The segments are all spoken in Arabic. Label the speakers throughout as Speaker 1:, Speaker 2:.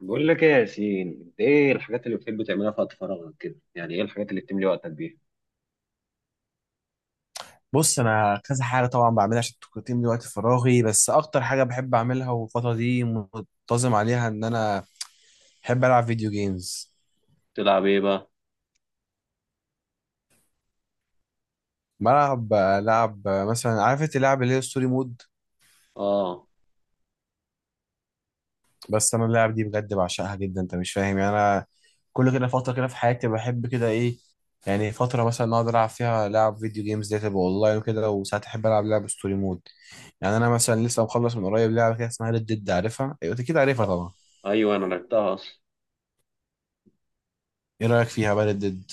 Speaker 1: بقول لك ايه يا ياسين، انت ايه الحاجات اللي بتحب تعملها في وقت فراغك كده؟ يعني ايه الحاجات اللي بتملي وقتك بيها؟
Speaker 2: بص، انا كذا حاجه طبعا بعملها عشان التقييم دي وقت فراغي، بس اكتر حاجه بحب اعملها والفتره دي منتظم عليها ان انا بحب العب فيديو جيمز.
Speaker 1: تلعب ايه بقى؟
Speaker 2: بلعب لعب مثلا، عارف اللعب اللي هي ستوري مود.
Speaker 1: اه.
Speaker 2: بس انا اللعب دي بجد بعشقها جدا، انت مش فاهم؟ يعني انا كل كده فتره كده في حياتي بحب كده ايه، يعني فتره مثلا اقعد العب فيها لعب فيديو جيمز دي تبقى اونلاين وكده، وساعات احب العب لعب ستوري مود. يعني انا مثلا لسه مخلص من قريب لعبه كده اسمها ريد ديد، عارفها؟ ايوه أنت كده عارفها
Speaker 1: آه.
Speaker 2: طبعا.
Speaker 1: ايوه انا لعبتها اصلا.
Speaker 2: ايه رايك فيها بقى ريد ديد؟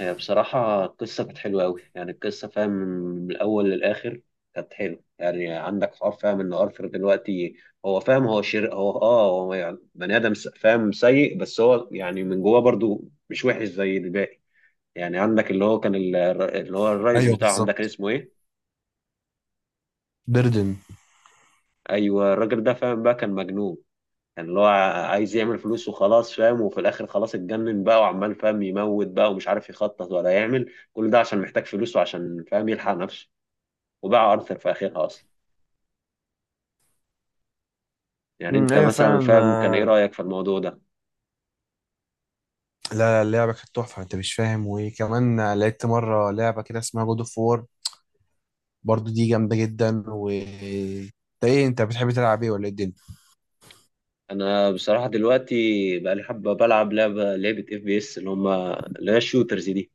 Speaker 1: هي بصراحه القصه كانت حلوه قوي، يعني القصه فاهم من الاول للاخر. كانت حلوه، يعني عندك حوار فاهم ان ارثر دلوقتي هو فاهم هو شر، هو يعني بني ادم س- فاهم سيء، بس هو يعني من جواه برضو مش وحش زي الباقي. يعني عندك اللي هو كان اللي هو الرئيس
Speaker 2: ايوه
Speaker 1: بتاعهم ده، كان
Speaker 2: بالظبط.
Speaker 1: اسمه ايه؟
Speaker 2: بردن.
Speaker 1: ايوه الراجل ده فاهم بقى كان مجنون. كان اللي هو عايز يعمل فلوس وخلاص فاهم، وفي الاخر خلاص اتجنن بقى وعمال فاهم يموت بقى ومش عارف يخطط ولا يعمل، كل ده عشان محتاج فلوس وعشان فاهم يلحق نفسه، وباع ارثر في اخرها اصلا. يعني انت
Speaker 2: ايوه
Speaker 1: مثلا
Speaker 2: فعلا.
Speaker 1: فاهم كان ايه رايك في الموضوع ده؟
Speaker 2: لا لا، اللعبه كانت تحفه، انت مش فاهم؟ وكمان لعبت مره لعبه كده اسمها جود اوف وور، برضو دي جامده جدا. و انت ايه، انت بتحب تلعب ايه ولا ايه الدنيا؟
Speaker 1: انا بصراحه دلوقتي بقى لي حبه بلعب لعبه اف بي اس، اللي هم اللي هي الشوترز دي.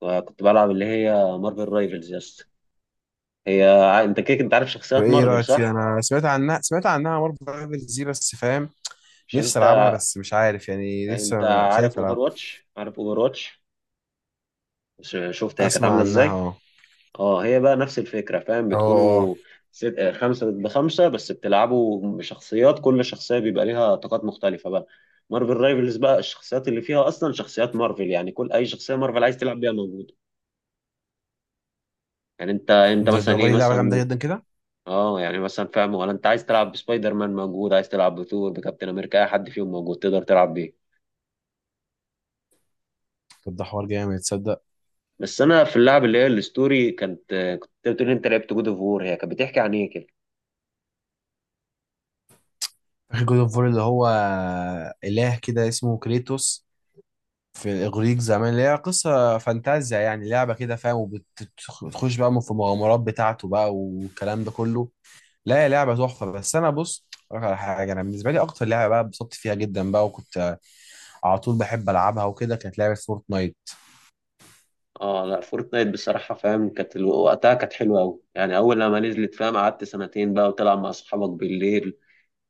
Speaker 1: وكنت بلعب اللي هي مارفل رايفلز يا اسطى. هي، انت عارف
Speaker 2: طب
Speaker 1: شخصيات
Speaker 2: ايه
Speaker 1: مارفل
Speaker 2: رايك فيها،
Speaker 1: صح؟
Speaker 2: انا سمعت عنها، سمعت عنها مره برايفل دي، بس فاهم
Speaker 1: مش
Speaker 2: نفسي
Speaker 1: انت،
Speaker 2: العبها بس مش عارف يعني لسه خايف العب.
Speaker 1: عارف اوفر واتش؟ شفت هي كانت
Speaker 2: اسمع
Speaker 1: عامله
Speaker 2: عنها
Speaker 1: ازاي؟
Speaker 2: اه.
Speaker 1: اه، هي بقى نفس الفكرة فاهم،
Speaker 2: اه. اه.
Speaker 1: بتكونوا ست... آه، خمسة ضد خمسة، بس بتلعبوا بشخصيات، كل شخصية بيبقى ليها طاقات مختلفة بقى. مارفل رايفلز بقى الشخصيات اللي فيها أصلا شخصيات مارفل، يعني كل أي شخصية مارفل عايز تلعب بيها موجودة. يعني أنت
Speaker 2: ده
Speaker 1: مثلا إيه
Speaker 2: الراجل لعبه جامده
Speaker 1: مثلا،
Speaker 2: جدا كده.
Speaker 1: اه يعني مثلا فاهم، ولا أنت عايز تلعب بسبايدر مان موجود، عايز تلعب بثور بكابتن أمريكا، أي حد فيهم موجود تقدر تلعب بيه.
Speaker 2: طب ده حوار جامد تصدق؟
Speaker 1: بس أنا في اللعب اللي هي الستوري كانت كنت بتقول أنت لعبت جود أوف وور، هي كانت بتحكي عن إيه كده؟
Speaker 2: فاكر جود اوف وور اللي هو اله كده اسمه كريتوس في الاغريق زمان، اللي هي قصه فانتازيا يعني، لعبه كده فاهم، وبتخش بقى في المغامرات بتاعته بقى والكلام ده كله. لا هي لعبه تحفه. بس انا بص أقولك على حاجه، انا بالنسبه لي اكتر لعبه بقى اتبسطت فيها جدا بقى وكنت على طول بحب العبها وكده كانت لعبه فورتنايت.
Speaker 1: اه لا، فورتنايت بصراحة فاهم كانت وقتها كانت حلوة أوي، يعني أول لما نزلت فاهم قعدت سنتين بقى وتلعب مع أصحابك بالليل،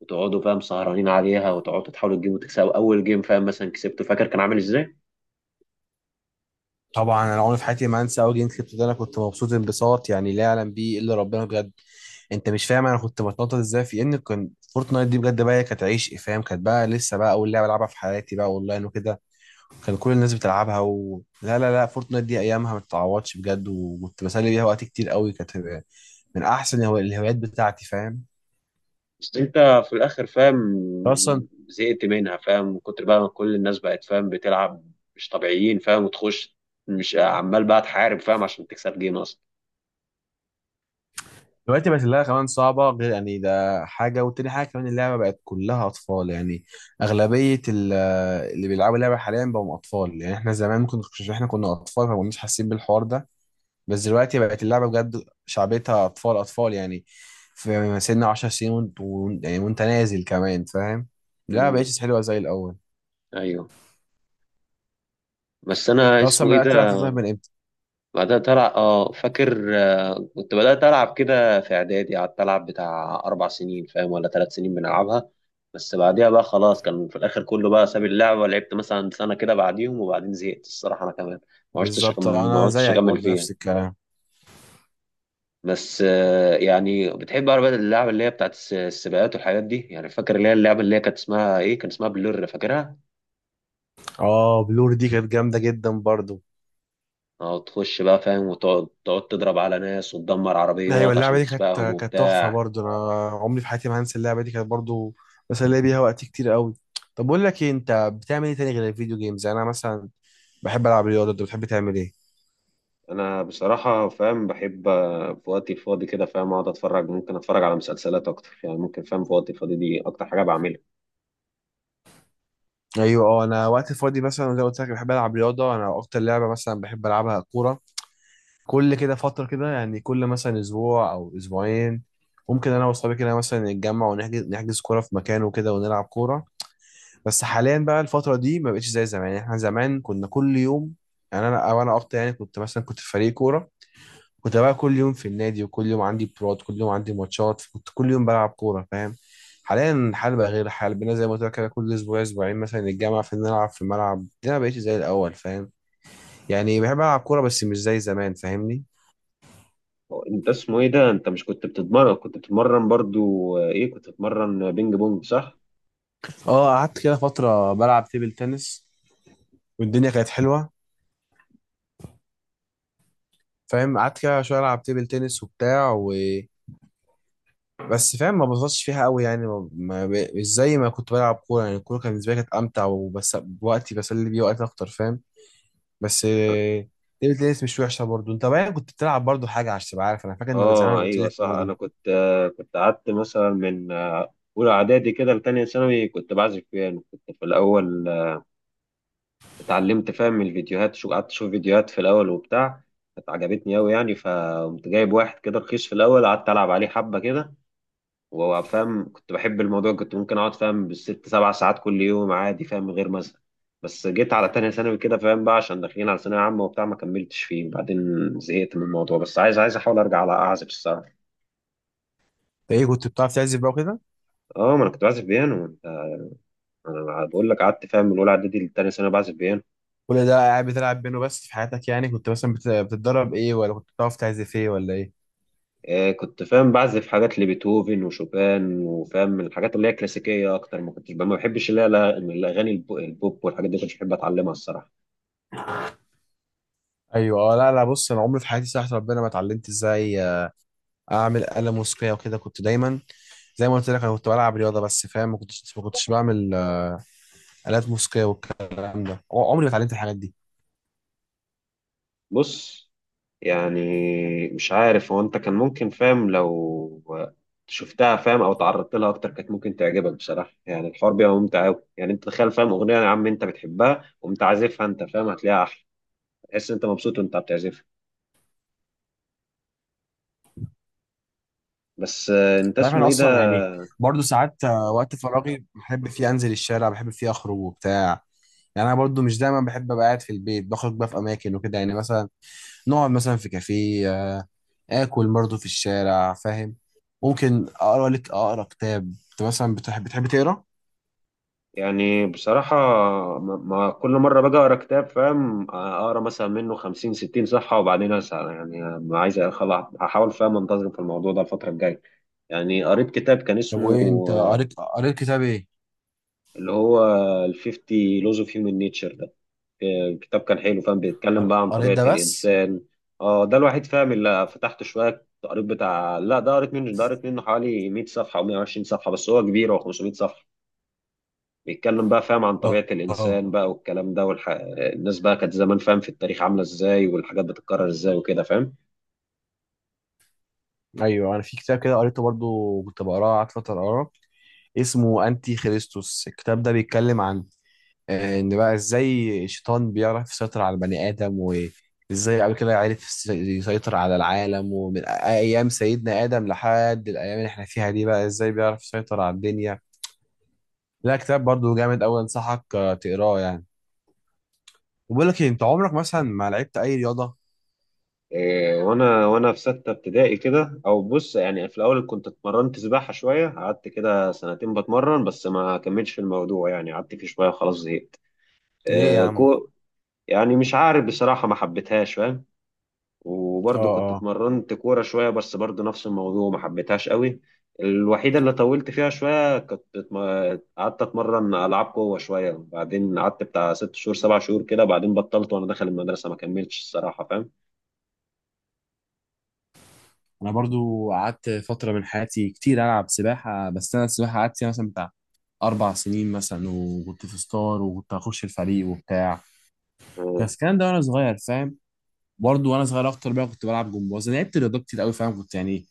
Speaker 1: وتقعدوا فاهم سهرانين عليها، وتقعدوا تحاولوا تجيبوا تكسبوا أول جيم. فاهم مثلا كسبته فاكر كان عامل إزاي؟
Speaker 2: طبعا انا عمري في حياتي ما انسى اول جيم كسبته. ده انا كنت مبسوط انبساط يعني لا يعلم بيه الا ربنا بجد. انت مش فاهم انا كنت بتنطط ازاي؟ في ان كان فورتنايت دي بجد بقى هي كانت عيش فاهم، كانت بقى لسه بقى اول لعبه العبها في حياتي بقى اونلاين وكده. كان كل الناس بتلعبها لا لا لا، فورتنايت دي ايامها ما تتعوضش بجد، وكنت بسلي بيها وقت كتير قوي. كانت من احسن الهوايات بتاعتي فاهم؟
Speaker 1: بس أنت في الآخر فاهم
Speaker 2: اصلا
Speaker 1: زهقت منها، فاهم من كتر بقى ما كل الناس بقت فاهم بتلعب مش طبيعيين، فاهم وتخش مش عمال بقى تحارب فاهم عشان تكسب جيم أصلا.
Speaker 2: دلوقتي بقت اللعبه كمان صعبه، غير يعني ده حاجه، وتاني حاجه كمان اللعبه بقت كلها اطفال يعني. اغلبيه اللي بيلعبوا اللعبه حاليا بقوا اطفال. يعني احنا زمان ممكن احنا كنا اطفال فما كناش حاسين بالحوار ده. بس دلوقتي بقت اللعبه بجد شعبيتها اطفال اطفال يعني. في سن 10 سنين يعني وانت نازل كمان فاهم. لا
Speaker 1: امم.
Speaker 2: بقتش حلوه زي الاول.
Speaker 1: أيوه. بس أنا
Speaker 2: انت اصلا
Speaker 1: اسمه إيه
Speaker 2: بدات تلعب
Speaker 1: ده.
Speaker 2: فورتنايت من امتى؟
Speaker 1: بدأت ألعب، اه فاكر كنت بدأت ألعب كده في إعدادي، قعدت ألعب بتاع أربع سنين فاهم ولا ثلاث سنين بنلعبها. بس بعديها بقى خلاص كان في الآخر كله بقى ساب اللعبة، لعبت مثلا سنة كده بعديهم وبعدين زهقت الصراحة أنا كمان.
Speaker 2: بالظبط
Speaker 1: ما
Speaker 2: انا
Speaker 1: عشتش
Speaker 2: زيك
Speaker 1: أكمل
Speaker 2: برضه
Speaker 1: فيها.
Speaker 2: نفس الكلام.
Speaker 1: بس يعني بتحب بقى اللعبة اللي هي بتاعت السباقات والحاجات دي؟ يعني فاكر اللي هي اللعبة اللي هي كانت اسمها إيه، كان اسمها بلور فاكرها؟
Speaker 2: اه بلور دي كانت جامده جدا برضه.
Speaker 1: اه تخش بقى فاهم وتقعد تضرب على ناس وتدمر
Speaker 2: ايوه
Speaker 1: عربيات
Speaker 2: اللعبه
Speaker 1: عشان
Speaker 2: دي
Speaker 1: تسبقهم
Speaker 2: كانت تحفه
Speaker 1: وبتاع.
Speaker 2: برضه، انا عمري في حياتي ما هنسى اللعبه دي، كانت برضه بسلي بيها وقت كتير قوي. طب بقول لك ايه، انت بتعمل ايه تاني غير الفيديو جيمز؟ يعني انا مثلا بحب العب رياضه، انت بتحب تعمل ايه؟
Speaker 1: انا بصراحه فاهم بحب في وقتي الفاضي كده فاهم اقعد اتفرج، ممكن اتفرج على مسلسلات اكتر، يعني ممكن فاهم في وقتي الفاضي دي اكتر حاجه بعملها.
Speaker 2: ايوه اه، انا وقت فاضي مثلا زي ما قلت لك بحب العب رياضه، انا اكتر لعبه مثلا بحب العبها كوره. كل كده فترة كده، يعني كل مثلا أسبوع أو أسبوعين ممكن أنا وأصحابي كده مثلا نتجمع ونحجز كورة في مكان وكده ونلعب كورة. بس حاليا بقى الفترة دي ما بقتش زي زمان، يعني إحنا زمان كنا كل يوم، يعني أنا أو أنا أكتر يعني، كنت مثلا كنت في فريق كورة، كنت بقى كل يوم في النادي وكل يوم عندي براد، كل يوم عندي ماتشات، كنت كل يوم بلعب كورة فاهم. حاليا الحال بقى غير، الحال بقينا زي ما قلت لك كده كل أسبوع أسبوعين مثلا نتجمع في نلعب في الملعب دي، أنا ما بقتش زي الأول فاهم. يعني بحب ألعب كورة بس مش زي زمان فاهمني؟
Speaker 1: هو انت اسمه ايه ده، انت مش كنت بتتمرن برضو ايه كنت بتتمرن بينج بونج صح؟
Speaker 2: اه قعدت كده فترة بلعب تيبل تنس، والدنيا كانت حلوة فاهم، قعدت كده شوية ألعب تيبل تنس وبتاع و بس فاهم ما ببسطش فيها قوي يعني ما... ما... ب... مش زي ما كنت بلعب كورة. يعني الكورة كانت بالنسبة لي كانت أمتع، وبس وقتي بسلي بيه وقت أكتر فاهم. بس تيبل تنس مش وحشة برضه. أنت بقى كنت بتلعب برضه حاجة عشان تبقى عارف، أنا فاكر إنك
Speaker 1: اه
Speaker 2: زمان قلت
Speaker 1: ايوه
Speaker 2: لي
Speaker 1: صح،
Speaker 2: برضه
Speaker 1: انا
Speaker 2: أنت
Speaker 1: كنت كنت قعدت مثلا من اولى اعدادي كده لتانية ثانوي كنت بعزف بيانو. كنت في الاول اتعلمت فاهم من الفيديوهات، شو قعدت اشوف فيديوهات في الاول وبتاع. كانت عجبتني قوي يعني، فقمت جايب واحد كده رخيص في الاول قعدت العب عليه حبه كده، وفاهم كنت بحب الموضوع، كنت ممكن اقعد فاهم بالست سبع ساعات كل يوم عادي فاهم من غير مثلا. بس جيت على تانية ثانوي كده فاهم بقى، عشان داخلين على ثانوية عامة وبتاع ما كملتش فيه، وبعدين زهقت من الموضوع. بس عايز احاول ارجع على اعزف الصراحة.
Speaker 2: إيه كنت بتعرف تعزف بقى وكده،
Speaker 1: اه ما انا كنت بعزف بيانو انت، انا بقول لك قعدت فاهم من اولى اعدادي لتانية ثانوي بعزف بيانو.
Speaker 2: كل ده قاعد بتلعب بينه بس في حياتك، يعني كنت مثلا بتتدرب إيه، ولا كنت بتعرف تعزف إيه ولا إيه؟
Speaker 1: آه كنت فاهم بعزف حاجات لبيتهوفن وشوبان وفاهم الحاجات اللي هي كلاسيكية اكتر، ما بحبش اللي هي الاغاني البوب والحاجات دي، كنتش بحب اتعلمها الصراحة.
Speaker 2: ايوه لا لا، بص انا عمري في حياتي صراحه ربنا ما اتعلمت ازاي اعمل آلة موسيقيه وكده. كنت دايما زي ما قلت لك انا كنت بلعب رياضه، بس فاهم ما كنتش بعمل آلات موسيقيه والكلام ده. عمري ما اتعلمت الحاجات دي.
Speaker 1: بص، يعني مش عارف، هو انت كان ممكن فاهم لو شفتها فاهم او تعرضت لها اكتر كانت ممكن تعجبك بصراحه. يعني الحوار بيبقى ممتع قوي، يعني انت تخيل فاهم اغنيه يا عم انت بتحبها وانت عازفها، انت فاهم هتلاقيها احلى، تحس انت مبسوط وانت بتعزفها. بس انت
Speaker 2: عارف
Speaker 1: اسمه
Speaker 2: انا
Speaker 1: ايه
Speaker 2: اصلا
Speaker 1: ده.
Speaker 2: يعني، برضو ساعات وقت فراغي بحب فيه انزل الشارع، بحب فيه اخرج وبتاع. يعني انا برضو مش دايما بحب ابقى قاعد في البيت، بخرج بقى في اماكن وكده. يعني مثلا نقعد مثلا في كافيه، اكل برضو في الشارع فاهم. ممكن اقرا لك اقرا كتاب. انت مثلا بتحب تقرا؟
Speaker 1: يعني بصراحه، ما كل مره باجي اقرا كتاب فاهم اقرا مثلا منه 50 60 صفحه وبعدين اسال، يعني ما عايز هحاول فاهم انتظم في الموضوع ده الفتره الجايه. يعني قريت كتاب كان
Speaker 2: طب
Speaker 1: اسمه
Speaker 2: وايه، انت قريت قريت كتاب ايه؟
Speaker 1: اللي هو ال 50 Laws of Human Nature ده. كتاب كان حلو فاهم، بيتكلم بقى عن
Speaker 2: قريت
Speaker 1: طبيعة
Speaker 2: ده بس؟
Speaker 1: الإنسان. اه ده الوحيد فاهم اللي فتحت شوية قريت بتاع، لا ده قريت منه حوالي 100 صفحة أو 120 صفحة، بس هو كبير هو 500 صفحة. بيتكلم بقى فاهم عن
Speaker 2: اه
Speaker 1: طبيعة
Speaker 2: اه.
Speaker 1: الإنسان بقى والكلام ده الناس بقى كانت زمان فاهم في التاريخ عاملة إزاي، والحاجات بتتكرر إزاي وكده فاهم.
Speaker 2: ايوه انا في كتاب كده قريته برضو، كنت بقراه قعدت فتره اقراه اسمه انتي خريستوس. الكتاب ده بيتكلم عن ان بقى ازاي الشيطان بيعرف يسيطر على البني ادم، وازاي قبل كده عرف يسيطر على العالم، ومن ايام سيدنا ادم لحد الايام اللي احنا فيها دي بقى ازاي بيعرف يسيطر على الدنيا. لا كتاب برضو جامد قوي، انصحك تقراه يعني. وبقول لك إيه، انت عمرك مثلا ما لعبت اي رياضه؟
Speaker 1: إيه، وانا في سته ابتدائي كده، او بص يعني في الاول كنت اتمرنت سباحه شويه، قعدت كده سنتين بتمرن بس ما كملتش في الموضوع، يعني قعدت فيه شويه خلاص زهقت.
Speaker 2: ليه يا
Speaker 1: إيه،
Speaker 2: عم؟
Speaker 1: كو يعني مش عارف بصراحه، ما حبيتهاش فاهم. وبرضه كنت
Speaker 2: اه
Speaker 1: اتمرنت كوره شويه، بس برضه نفس الموضوع ما حبيتهاش قوي. الوحيده اللي طولت فيها شويه، قعدت اتمرن العاب قوه شويه، بعدين قعدت بتاع ست شهور سبع شهور كده بعدين بطلت، وانا داخل المدرسه ما كملتش الصراحه فاهم.
Speaker 2: انا برضو قعدت فتره من حياتي كتير العب سباحه، بس انا السباحه قعدت فيها مثلا بتاع 4 سنين مثلا، وكنت في ستار وكنت هخش الفريق وبتاع، بس الكلام ده وانا صغير فاهم. برضو وانا صغير اكتر بقى كنت بلعب جمباز، أنا لعبت رياضات كتير قوي فاهم، كنت يعني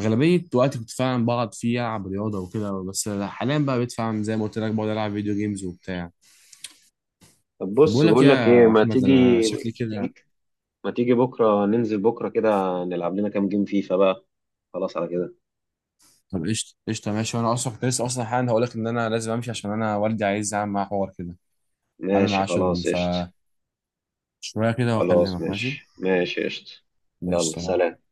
Speaker 2: اغلبيه وقتي كنت فعلا بقعد فيه العب رياضه وكده. بس حاليا بقى بقيت فعلا زي ما قلت لك بقعد العب فيديو جيمز وبتاع.
Speaker 1: طب
Speaker 2: طب
Speaker 1: بص
Speaker 2: بقول لك إيه
Speaker 1: بقول لك ايه،
Speaker 2: يا احمد، انا شكلي كده.
Speaker 1: تيجي ما تيجي بكره ننزل بكره كده، نلعب لنا كام جيم فيفا بقى، خلاص على كده.
Speaker 2: طب قشطه قشطه ماشي، وانا اصلا كنت لسه اصلا حالا هقول لك ان انا لازم امشي، عشان انا والدي عايز اعمل معاه حوار كده، عامل
Speaker 1: ماشي
Speaker 2: معاه شغل
Speaker 1: خلاص
Speaker 2: ف
Speaker 1: قشطة.
Speaker 2: شوية كده
Speaker 1: خلاص
Speaker 2: وأكلمك ماشي.
Speaker 1: ماشي، ماشي قشطة.
Speaker 2: ماشي
Speaker 1: يلا
Speaker 2: سلام.
Speaker 1: سلام.